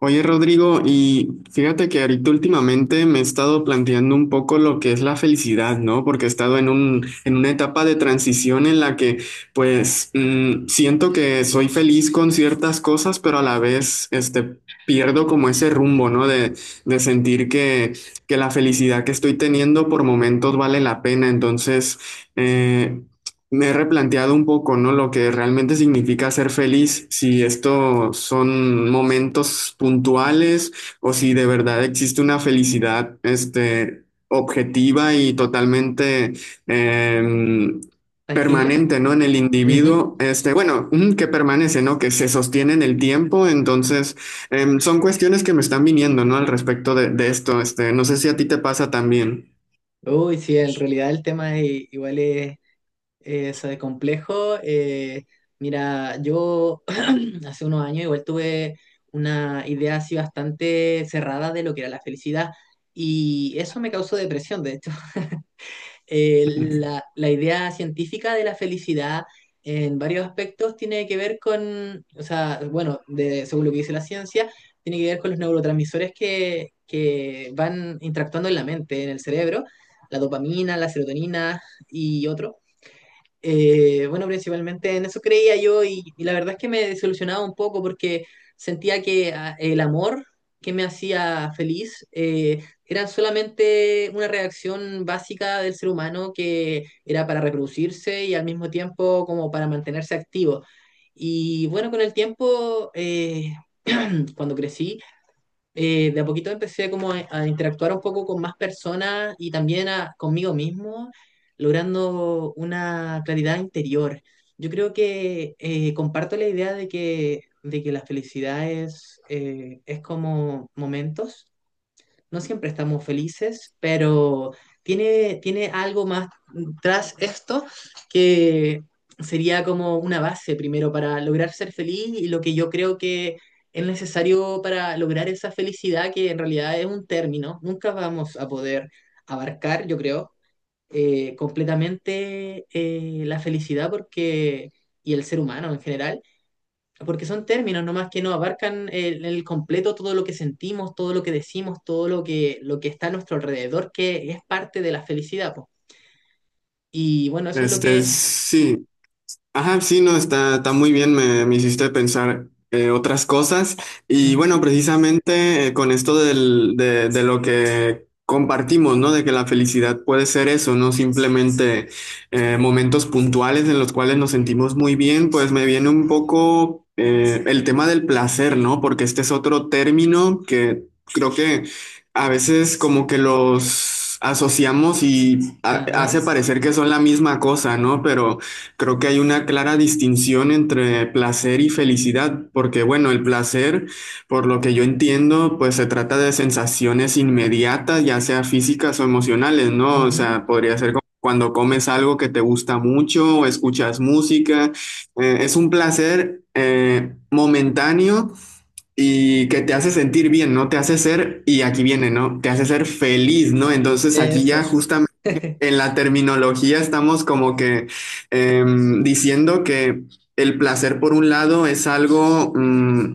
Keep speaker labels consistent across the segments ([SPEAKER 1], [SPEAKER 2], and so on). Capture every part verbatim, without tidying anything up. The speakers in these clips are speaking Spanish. [SPEAKER 1] Oye, Rodrigo, y fíjate que ahorita últimamente me he estado planteando un poco lo que es la felicidad, ¿no? Porque he estado en un, en una etapa de transición en la que, pues, mm, siento que soy feliz con ciertas cosas, pero a la vez, este, pierdo como ese rumbo, ¿no? De, de sentir que, que la felicidad que estoy teniendo por momentos vale la pena. Entonces, eh, me he replanteado un poco, ¿no? Lo que realmente significa ser feliz, si esto son momentos puntuales o si de verdad existe una felicidad, este, objetiva y totalmente em,
[SPEAKER 2] ¿Tangible?
[SPEAKER 1] permanente, ¿no? En el
[SPEAKER 2] Ujú.
[SPEAKER 1] individuo, este, bueno, mm, que permanece, ¿no? Que se sostiene en el tiempo. Entonces, em, son cuestiones que me están viniendo, ¿no? Al respecto de, de esto, este, no sé si a ti te pasa también.
[SPEAKER 2] Uy, sí, en realidad el tema es- igual es, es, eh, complejo. Eh, mira, yo hace unos años igual tuve una idea así bastante cerrada de lo que era la felicidad y eso me causó depresión, de hecho. eh, la, la idea científica de la felicidad en varios aspectos tiene que ver con, o sea, bueno, de, según lo que dice la ciencia, tiene que ver con los neurotransmisores que, que van interactuando en la mente, en el cerebro, la dopamina, la serotonina y otros. Eh, bueno, principalmente en eso creía yo y, y la verdad es que me desilusionaba un poco porque sentía que ah, el amor que me hacía feliz eh, era solamente una reacción básica del ser humano que era para reproducirse y al mismo tiempo como para mantenerse activo. Y bueno, con el tiempo, eh, cuando crecí, eh, de a poquito empecé como a, a interactuar un poco con más personas y también a- conmigo mismo, logrando una claridad interior. Yo creo que eh, comparto la idea de que, de que la felicidad es, eh, es como momentos, no siempre estamos felices, pero tiene, tiene algo más tras esto que sería como una base primero para lograr ser feliz y lo que yo creo que es necesario para lograr esa felicidad que en realidad es un término. Nunca vamos a poder abarcar, yo creo, eh, completamente eh, la felicidad porque, y el ser humano en general, porque son términos nomás que no abarcan el, el completo, todo lo que sentimos, todo lo que decimos, todo lo que, lo que está a nuestro alrededor, que es parte de la felicidad, po. Y bueno, eso es lo
[SPEAKER 1] Este,
[SPEAKER 2] que...
[SPEAKER 1] sí. Ajá, sí, no, está, está muy bien, me, me hiciste pensar eh, otras cosas. Y
[SPEAKER 2] Ujú,
[SPEAKER 1] bueno, precisamente eh, con esto del- de, de lo que compartimos, ¿no? De que la felicidad puede ser eso, no simplemente eh, momentos puntuales en los cuales nos sentimos muy bien, pues me viene un poco eh, el tema del placer, ¿no? Porque este es otro término que creo que a veces como que los asociamos y ha- hace
[SPEAKER 2] ajá,
[SPEAKER 1] parecer que son la misma cosa, ¿no? Pero... Creo que hay una clara distinción entre placer y felicidad, porque bueno, el placer, por lo que yo entiendo, pues se trata de sensaciones inmediatas, ya sea físicas o emocionales, ¿no? O
[SPEAKER 2] ujú,
[SPEAKER 1] sea, podría ser como cuando comes algo que te gusta mucho o escuchas música. Eh, es un placer eh, momentáneo y que te hace sentir bien, ¿no? Te hace ser, y aquí viene, ¿no? Te hace ser feliz, ¿no? Entonces aquí ya
[SPEAKER 2] eso.
[SPEAKER 1] justamente en la terminología estamos como que eh, diciendo que el placer, por un lado, es algo, mm,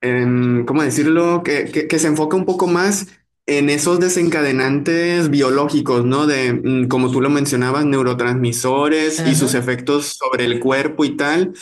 [SPEAKER 1] em, ¿cómo decirlo?, que, que- que se enfoca un poco más en esos desencadenantes biológicos, ¿no? De, mm, como tú lo mencionabas, neurotransmisores y sus
[SPEAKER 2] Ajá,
[SPEAKER 1] efectos sobre el cuerpo y tal.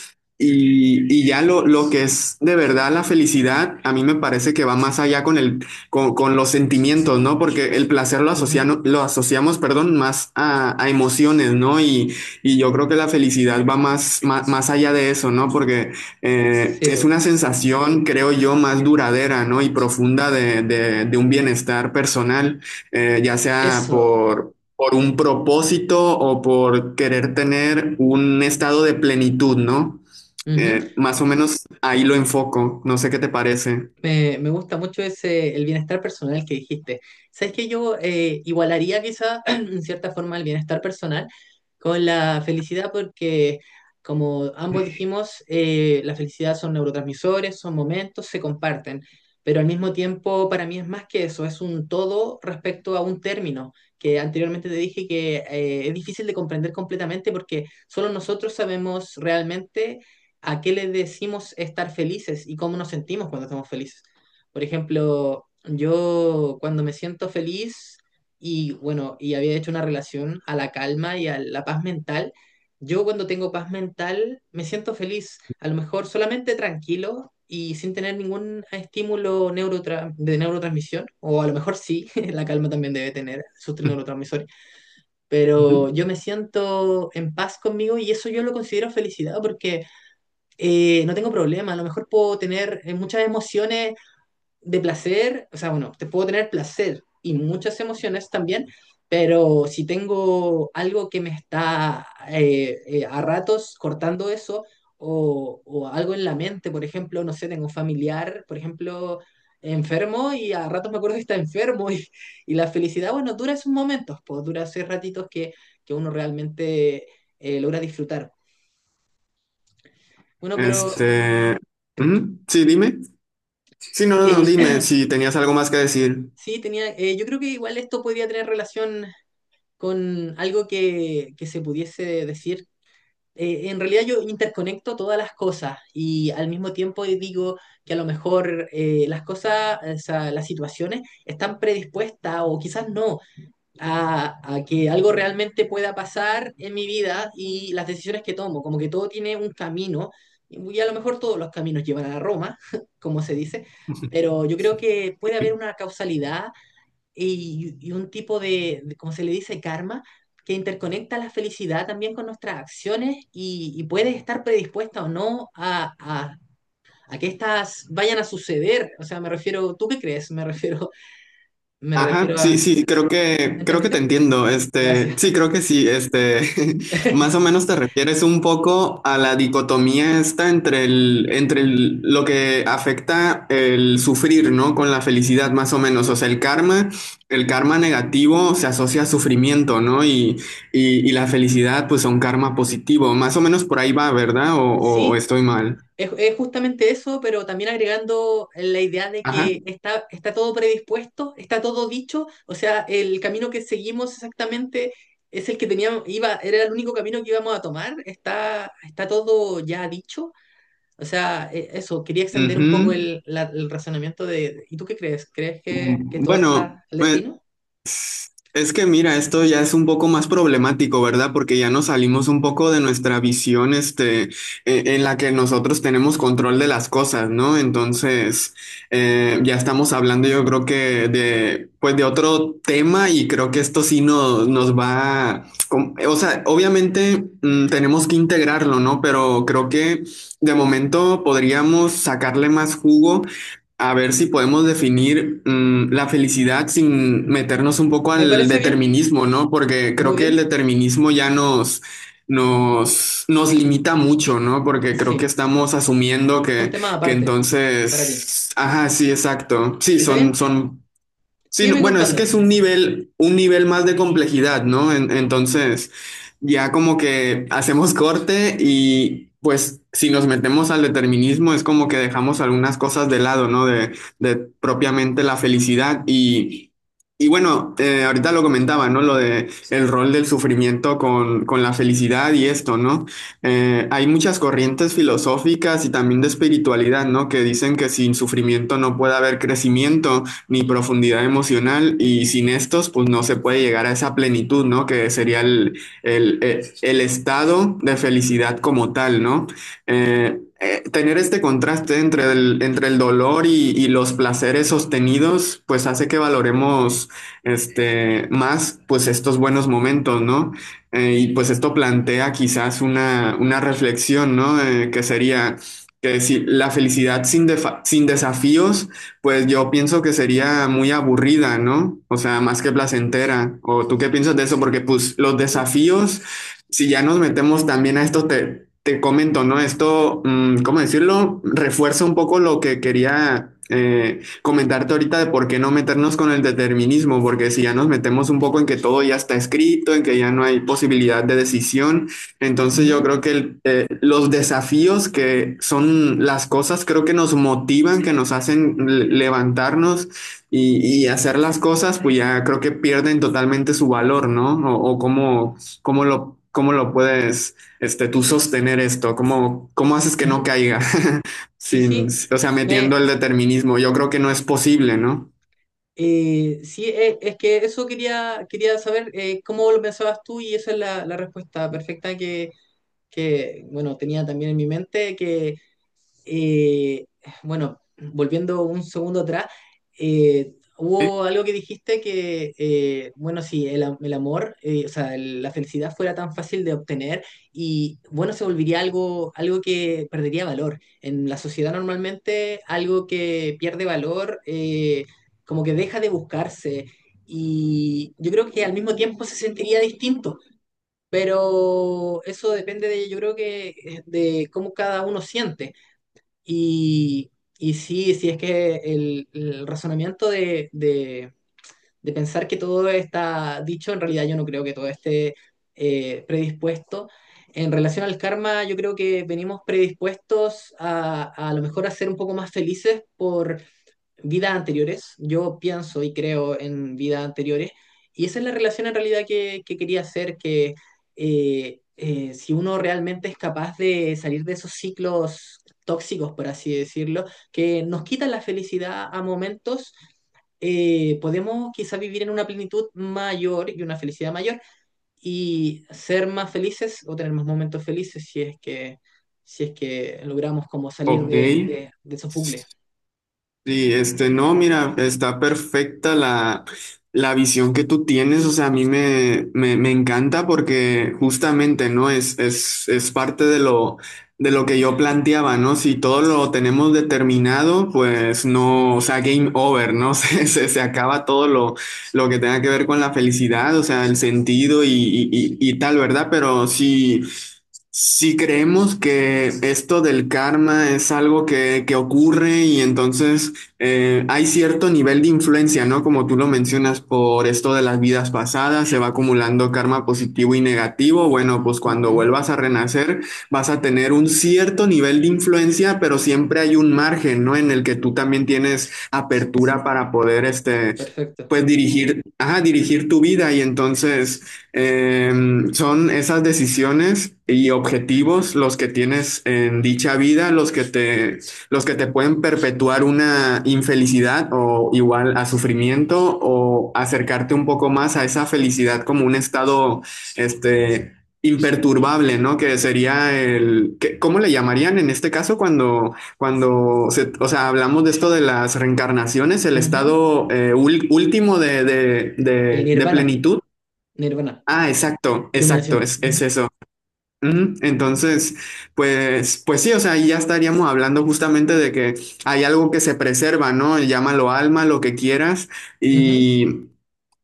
[SPEAKER 1] Y, y ya lo, lo que es de verdad la felicidad, a mí me parece que va más allá con el con, con, los sentimientos, ¿no? Porque el placer lo,
[SPEAKER 2] ujú,
[SPEAKER 1] asocian, lo asociamos, perdón, más a, a emociones, ¿no? Y, y, yo creo que la felicidad va más, más, más allá de eso, ¿no? Porque eh,
[SPEAKER 2] sí,
[SPEAKER 1] es
[SPEAKER 2] po.
[SPEAKER 1] una sensación, creo yo, más duradera, ¿no? Y profunda de, de, de un bienestar personal, eh, ya sea
[SPEAKER 2] Eso.
[SPEAKER 1] por, por un propósito o por querer tener un estado de plenitud, ¿no?
[SPEAKER 2] Ujú.
[SPEAKER 1] Eh, más o menos ahí lo enfoco, no sé qué te parece.
[SPEAKER 2] Me, me gusta mucho ese, el bienestar personal que dijiste. ¿Sabes que yo eh, igualaría quizá en cierta forma el bienestar personal con la felicidad? Porque como ambos dijimos, eh, la felicidad son neurotransmisores, son momentos, se comparten. Pero al mismo tiempo para mí es más que eso, es un todo respecto a un término que anteriormente te dije que eh, es difícil de comprender completamente, porque solo nosotros sabemos realmente a qué le decimos estar felices y cómo nos sentimos cuando estamos felices. Por ejemplo, yo cuando me siento feliz y bueno, y había hecho una relación a la calma y a la paz mental, yo cuando tengo paz mental me siento feliz, a lo mejor solamente tranquilo y sin tener ningún estímulo neurotra- de neurotransmisión, o a lo mejor sí, la calma también debe tener sus neurotransmisores,
[SPEAKER 1] Uh -huh.
[SPEAKER 2] pero yo me siento en paz conmigo y eso yo lo considero felicidad porque eh, no tengo problema, a lo mejor puedo tener eh, muchas emociones de placer, o sea, bueno, te puedo tener placer y muchas emociones también, pero si tengo algo que me está eh, eh, a ratos cortando eso o, o algo en la mente, por ejemplo, no sé, tengo un familiar, por ejemplo, enfermo y a ratos me acuerdo que está enfermo y, y la felicidad, bueno, dura esos momentos, pues dura esos ratitos que, que uno realmente eh, logra disfrutar. Bueno, pero
[SPEAKER 1] Este,
[SPEAKER 2] te escucho.
[SPEAKER 1] ujú, sí, dime. Sí, no, no, no,
[SPEAKER 2] Eh,
[SPEAKER 1] dime si tenías algo más que decir.
[SPEAKER 2] Sí, tenía, eh, yo creo que igual esto podría tener relación con algo que, que se pudiese decir. Eh, en realidad yo interconecto todas las cosas y al mismo tiempo digo que a lo mejor eh, las cosas, o sea, las situaciones están predispuestas o quizás no a, a que algo realmente pueda pasar en mi vida y las decisiones que tomo, como que todo tiene un camino y a lo mejor todos los caminos llevan a Roma, como se dice, pero yo creo que puede haber una causalidad y, y un tipo de, de, como se le dice, karma, que interconecta la felicidad también con nuestras acciones y, y puedes estar predispuesta o no a, a- a que estas vayan a suceder. O sea, me refiero, ¿tú qué crees? Me refiero, me
[SPEAKER 1] Ajá,
[SPEAKER 2] refiero
[SPEAKER 1] sí,
[SPEAKER 2] a...
[SPEAKER 1] sí, creo que, creo que te
[SPEAKER 2] ¿Entendiste?
[SPEAKER 1] entiendo. Este,
[SPEAKER 2] Gracias.
[SPEAKER 1] sí, creo que sí. Este, más o menos te refieres un poco a la dicotomía esta entre el, entre el- lo que afecta el sufrir, ¿no? Con la felicidad, más o menos. O sea, el karma, el karma negativo se asocia a sufrimiento, ¿no? Y, y, y la felicidad, pues, a un karma positivo. Más o menos por ahí va, ¿verdad? ¿O o- o
[SPEAKER 2] Sí,
[SPEAKER 1] estoy mal?
[SPEAKER 2] Es, es justamente eso, pero también agregando la idea de
[SPEAKER 1] Ajá.
[SPEAKER 2] que está, está todo predispuesto, está todo dicho, o sea, el camino que seguimos exactamente es el que teníamos, iba, era el único camino que íbamos a tomar, está, está todo ya dicho, o sea, e- eso, quería extender un
[SPEAKER 1] Ujú.
[SPEAKER 2] poco el, la- el razonamiento de, ¿y tú qué crees? ¿Crees que, que
[SPEAKER 1] Mm,
[SPEAKER 2] todo
[SPEAKER 1] Bueno,
[SPEAKER 2] está al
[SPEAKER 1] pues,
[SPEAKER 2] destino?
[SPEAKER 1] es que mira, esto ya es un poco más problemático, ¿verdad? Porque ya nos salimos un poco de nuestra visión, este, e- en la que nosotros tenemos control de las cosas, ¿no? Entonces, eh, ya estamos hablando, yo creo que de, pues, de otro tema y creo que esto sí no nos va, com- o sea, obviamente, mm, tenemos que integrarlo, ¿no? Pero creo que de momento podríamos sacarle más jugo. A ver si podemos definir mm, la felicidad sin
[SPEAKER 2] Mm.
[SPEAKER 1] meternos un poco
[SPEAKER 2] Me
[SPEAKER 1] al
[SPEAKER 2] parece bien,
[SPEAKER 1] determinismo, ¿no? Porque creo
[SPEAKER 2] muy
[SPEAKER 1] que el
[SPEAKER 2] bien,
[SPEAKER 1] determinismo ya nos, nos, nos
[SPEAKER 2] sí,
[SPEAKER 1] limita mucho, ¿no? Porque creo que
[SPEAKER 2] sí,
[SPEAKER 1] estamos asumiendo
[SPEAKER 2] son
[SPEAKER 1] que,
[SPEAKER 2] temas
[SPEAKER 1] que
[SPEAKER 2] aparte para ti,
[SPEAKER 1] entonces, ajá, sí, exacto. Sí,
[SPEAKER 2] ¿está
[SPEAKER 1] son,
[SPEAKER 2] bien?
[SPEAKER 1] son. Sí, no,
[SPEAKER 2] Sígueme
[SPEAKER 1] bueno, es que
[SPEAKER 2] contando.
[SPEAKER 1] es un nivel, un nivel más de complejidad, ¿no? En- entonces, ya como que hacemos corte y pues si nos metemos al determinismo es como que dejamos algunas cosas de lado, ¿no? De, de propiamente la felicidad y, y bueno, eh, ahorita lo comentaba, ¿no? Lo de el rol del sufrimiento con, con la felicidad y esto, ¿no? Eh, hay muchas corrientes filosóficas y también de espiritualidad, ¿no? Que dicen que sin sufrimiento no puede haber crecimiento ni profundidad emocional y sin estos pues no se puede llegar a esa plenitud, ¿no? Que sería el, el, el, el estado de felicidad como tal, ¿no? Eh, eh, tener este contraste entre el, entre el dolor y, y, los placeres sostenidos, pues hace que valoremos este, más pues estos buenos momentos, ¿no? Eh, y pues esto plantea quizás una, una reflexión, ¿no? Eh, que sería que si la felicidad sin, defa- sin desafíos pues yo pienso que sería muy aburrida, ¿no? O sea, más que placentera. ¿O tú qué piensas de eso? Porque pues los
[SPEAKER 2] Sí.
[SPEAKER 1] desafíos, si ya nos metemos también a esto, te, te comento, ¿no? Esto, mm, ¿cómo decirlo? Refuerza un poco lo que quería eh, comentarte ahorita de por qué no meternos con el determinismo, porque si ya nos metemos un poco en que todo ya está escrito, en que ya no hay posibilidad de decisión, entonces yo
[SPEAKER 2] Ujú,
[SPEAKER 1] creo que el los desafíos que son las cosas, creo que nos motivan, que nos hacen le- levantarnos y, y hacer las cosas, pues ya creo que pierden totalmente su valor, ¿no? O, o cómo, cómo lo, cómo lo puedes, este, tú sostener esto, cómo, cómo haces que no
[SPEAKER 2] ujú.
[SPEAKER 1] caiga,
[SPEAKER 2] Sí,
[SPEAKER 1] sin,
[SPEAKER 2] sí,
[SPEAKER 1] o sea, metiendo
[SPEAKER 2] me,
[SPEAKER 1] el determinismo. Yo creo que no es posible, ¿no?
[SPEAKER 2] eh, sí, e- es, que eso quería, quería saber eh, cómo lo pensabas tú y esa es la, la respuesta perfecta que, que, bueno, tenía también en mi mente que, eh, bueno, volviendo un segundo atrás, eh, hubo algo que dijiste que, eh, bueno, si el, am- el amor, eh, o sea, el- la felicidad fuera tan fácil de obtener y, bueno, se volvería algo, algo que perdería valor. En la sociedad normalmente algo que pierde valor, eh, como que deja de buscarse y yo creo que al mismo tiempo se sentiría distinto. Pero eso depende de, yo creo que eh, de cómo cada uno siente. Y, y sí, sí es que el, el razonamiento de, de- de pensar que todo está dicho, en realidad yo no creo que todo esté eh, predispuesto. En relación al karma, yo creo que venimos predispuestos a, a lo mejor a ser un poco más felices vidas anteriores. Yo pienso y creo en vidas anteriores. Y esa es la relación en realidad que, que quería hacer, que eh, eh, si uno realmente es capaz de salir de esos ciclos tóxicos, por así decirlo, que nos quitan la felicidad a momentos, eh, podemos quizá vivir en una plenitud mayor y una felicidad mayor y ser más felices o tener más momentos felices si es que, si es que logramos como salir
[SPEAKER 1] Ok.
[SPEAKER 2] de, de, de esos bucles.
[SPEAKER 1] Sí, este, no, mira, está perfecta la, la visión que tú tienes, o sea, a mí me, me, me encanta porque justamente, ¿no? Es, es, es parte de lo, de lo que yo planteaba, ¿no? Si todo lo tenemos determinado, pues no, o sea, game over, ¿no? Se, se, se acaba todo lo, lo que tenga que ver con la felicidad, o sea, el sentido y, y, y, y tal, ¿verdad? Pero sí. Si creemos que esto del karma es algo que, que ocurre y entonces eh, hay cierto nivel de influencia, ¿no? Como tú lo mencionas por esto de las vidas pasadas, se va acumulando karma positivo y negativo. Bueno, pues cuando
[SPEAKER 2] Ujú,
[SPEAKER 1] vuelvas a renacer vas a tener un cierto nivel de influencia, pero siempre hay un margen, ¿no? En el que tú también tienes apertura para poder, este,
[SPEAKER 2] perfecto.
[SPEAKER 1] pues dirigir, ajá, dirigir tu vida y entonces... Em, son esas decisiones y objetivos los que tienes en dicha vida, los que te, los que te pueden perpetuar una infelicidad o igual a sufrimiento o acercarte un poco más a esa felicidad como un estado, este, imperturbable, ¿no? Que sería el, que- ¿cómo le llamarían en este caso cuando, cuando se- o sea, hablamos de esto de las reencarnaciones, el
[SPEAKER 2] Ujú.
[SPEAKER 1] estado eh, ul- último de, de,
[SPEAKER 2] El
[SPEAKER 1] de de
[SPEAKER 2] nirvana,
[SPEAKER 1] plenitud?
[SPEAKER 2] nirvana,
[SPEAKER 1] Ah, exacto, exacto,
[SPEAKER 2] iluminación.
[SPEAKER 1] es, es
[SPEAKER 2] Ujú,
[SPEAKER 1] eso. Ujú. Entonces, pues, pues sí, o sea, ahí ya estaríamos hablando justamente de que hay algo que se preserva, ¿no? Llámalo alma, lo que quieras,
[SPEAKER 2] ujú,
[SPEAKER 1] y,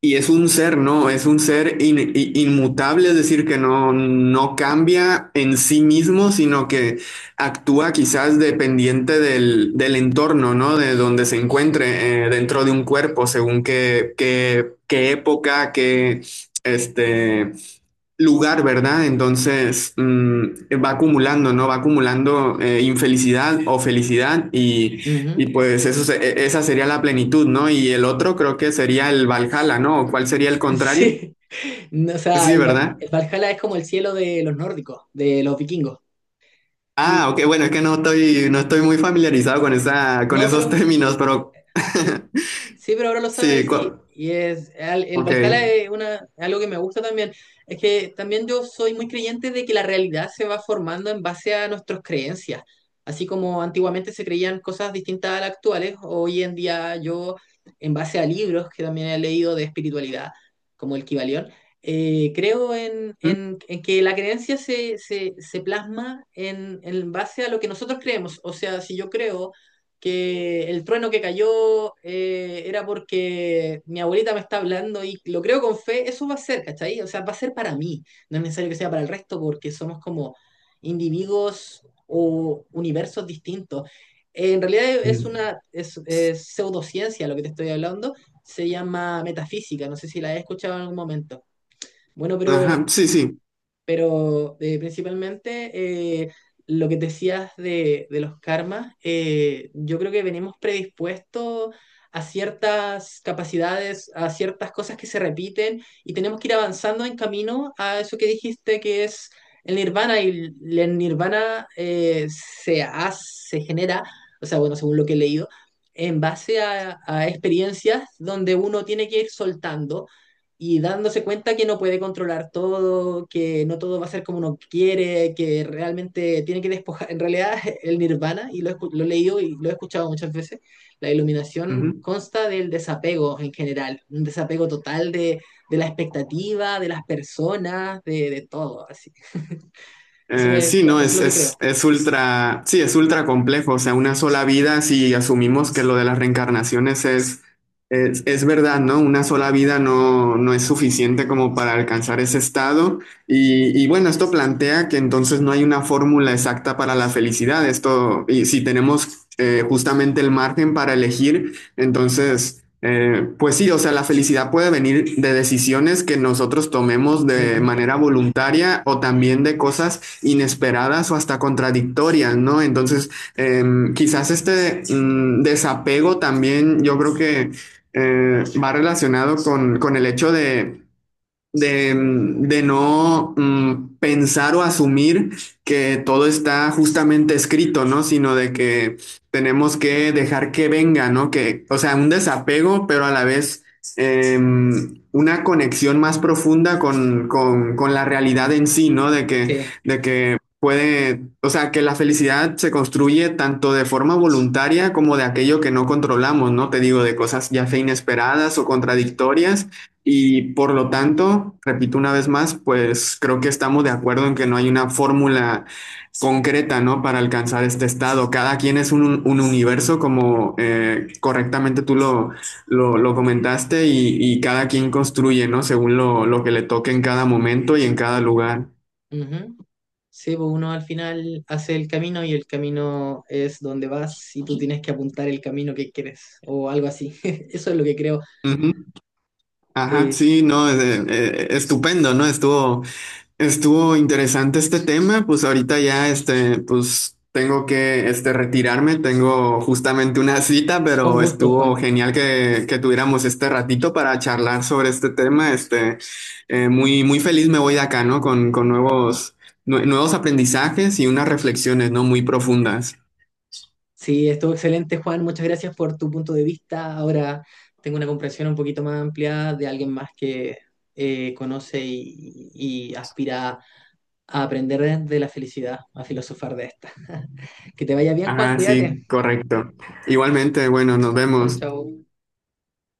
[SPEAKER 1] y es un ser, ¿no? Es un ser in- i- inmutable, es decir, que no, no cambia en sí mismo, sino que actúa quizás dependiente del, del entorno, ¿no? De donde se encuentre eh, dentro de un cuerpo, según qué, qué, qué época, qué, este lugar, ¿verdad? Entonces mm, va acumulando, ¿no? Va acumulando eh, infelicidad o felicidad y, y
[SPEAKER 2] ujú.
[SPEAKER 1] pues eso se- e- esa sería la plenitud, ¿no? Y el otro creo que sería el Valhalla, ¿no? ¿O ¿Cuál sería el contrario?
[SPEAKER 2] Sí, no, o sea,
[SPEAKER 1] Sí,
[SPEAKER 2] el, Va-
[SPEAKER 1] ¿verdad?
[SPEAKER 2] el Valhalla es como el cielo de los nórdicos, de los vikingos. Y
[SPEAKER 1] Ah, ok, bueno, es que no estoy, no estoy muy familiarizado con esa, con
[SPEAKER 2] no,
[SPEAKER 1] esos
[SPEAKER 2] pero
[SPEAKER 1] términos, pero
[SPEAKER 2] sí, pero ahora lo
[SPEAKER 1] sí,
[SPEAKER 2] sabes y,
[SPEAKER 1] cu-
[SPEAKER 2] y es al- el Valhalla
[SPEAKER 1] ok.
[SPEAKER 2] es una, algo que me gusta también. Es que también yo soy muy creyente de que la realidad se va formando en base a nuestras creencias. Así como antiguamente se creían cosas distintas a las actuales, hoy en día yo, en base a libros que también he leído de espiritualidad, como el Kybalión, eh, creo en,
[SPEAKER 1] Mm,
[SPEAKER 2] en- en que la creencia se, se- se plasma en, en base a lo que nosotros creemos. O sea, si yo creo que el trueno que cayó eh, era porque mi abuelita me está hablando y lo creo con fe, eso va a ser, ¿cachai? O sea, va a ser para mí, no es necesario que sea para el resto porque somos como individuos o universos distintos. Eh, en realidad es
[SPEAKER 1] mm.
[SPEAKER 2] una es, es pseudociencia lo que te estoy hablando, se llama metafísica, no sé si la he escuchado en algún momento. Bueno, pero
[SPEAKER 1] Ajá, sí, sí.
[SPEAKER 2] pero eh, principalmente eh, lo que decías de, de los karmas, eh, yo creo que venimos predispuestos a ciertas capacidades, a ciertas cosas que se repiten y tenemos que ir avanzando en camino a eso que dijiste que es el nirvana y el el nirvana eh, se hace, se genera, o sea, bueno, según lo que he leído, en base a a experiencias donde uno tiene que ir soltando y dándose cuenta que no puede controlar todo, que no todo va a ser como uno quiere, que realmente tiene que despojar. En realidad, el nirvana, y lo, he escu- lo he leído y lo he escuchado muchas veces, la iluminación consta del desapego en general, un desapego total de, de la expectativa, de las personas, de, de todo, así. Eso
[SPEAKER 1] Eh,
[SPEAKER 2] es,
[SPEAKER 1] sí,
[SPEAKER 2] lo-
[SPEAKER 1] no,
[SPEAKER 2] eso es
[SPEAKER 1] es,
[SPEAKER 2] lo que
[SPEAKER 1] es,
[SPEAKER 2] creo.
[SPEAKER 1] es ultra, sí, es ultra complejo, o sea, una sola vida, si asumimos que lo de las reencarnaciones es, es, es verdad, ¿no? Una sola vida no, no es suficiente como para alcanzar ese estado y, y bueno, esto plantea que entonces no hay una fórmula exacta para la felicidad, esto, y si tenemos eh, justamente el margen para elegir, entonces... Eh, pues sí, o sea, la felicidad puede venir de decisiones que nosotros tomemos de
[SPEAKER 2] Ujú,
[SPEAKER 1] manera voluntaria o también de cosas inesperadas o hasta contradictorias, ¿no? Entonces, eh, quizás este mm, desapego también yo creo que eh, va relacionado con, con el hecho de de, de no mm, pensar o asumir que todo está justamente escrito, ¿no? Sino de que tenemos que dejar que venga, ¿no? Que, o sea, un desapego, pero a la vez eh, una conexión más profunda con, con, con la realidad en sí, ¿no? De que,
[SPEAKER 2] sí,
[SPEAKER 1] de que puede, o sea, que la felicidad se construye tanto de forma voluntaria como de aquello que no controlamos, ¿no? Te digo, de cosas ya sea inesperadas o contradictorias y por lo tanto, repito una vez más, pues creo que estamos de acuerdo en que no hay una fórmula concreta, ¿no? Para alcanzar este estado. Cada quien es un, un universo, como eh, correctamente tú lo, lo, lo comentaste, y, y cada quien construye, ¿no? Según lo, lo que le toque en cada momento y en cada lugar.
[SPEAKER 2] ujú. Sí, pues uno al final hace el camino y el camino es donde vas y tú tienes que apuntar el camino que quieres o algo así. Eso es lo que creo.
[SPEAKER 1] Ujú. Ajá,
[SPEAKER 2] Eh,
[SPEAKER 1] sí, no, eh, eh, estupendo, ¿no? Estuvo. Estuvo interesante este tema, pues ahorita ya este, pues tengo que este, retirarme, tengo justamente una cita,
[SPEAKER 2] con
[SPEAKER 1] pero
[SPEAKER 2] gusto,
[SPEAKER 1] estuvo
[SPEAKER 2] Juan.
[SPEAKER 1] genial que, que tuviéramos este ratito para charlar sobre este tema. Este, eh, muy, muy feliz me voy de acá, ¿no? Con, con nuevos, nue- nuevos aprendizajes y unas reflexiones, ¿no? Muy profundas.
[SPEAKER 2] Sí, estuvo excelente, Juan. Muchas gracias por tu punto de vista. Ahora tengo una comprensión un poquito más amplia de alguien más que eh, conoce y, y aspira a aprender de la felicidad, a filosofar de esta. Que te vaya bien, Juan.
[SPEAKER 1] Ajá,
[SPEAKER 2] Cuídate.
[SPEAKER 1] sí, correcto. Igualmente, bueno, nos
[SPEAKER 2] Chao,
[SPEAKER 1] vemos.
[SPEAKER 2] chao.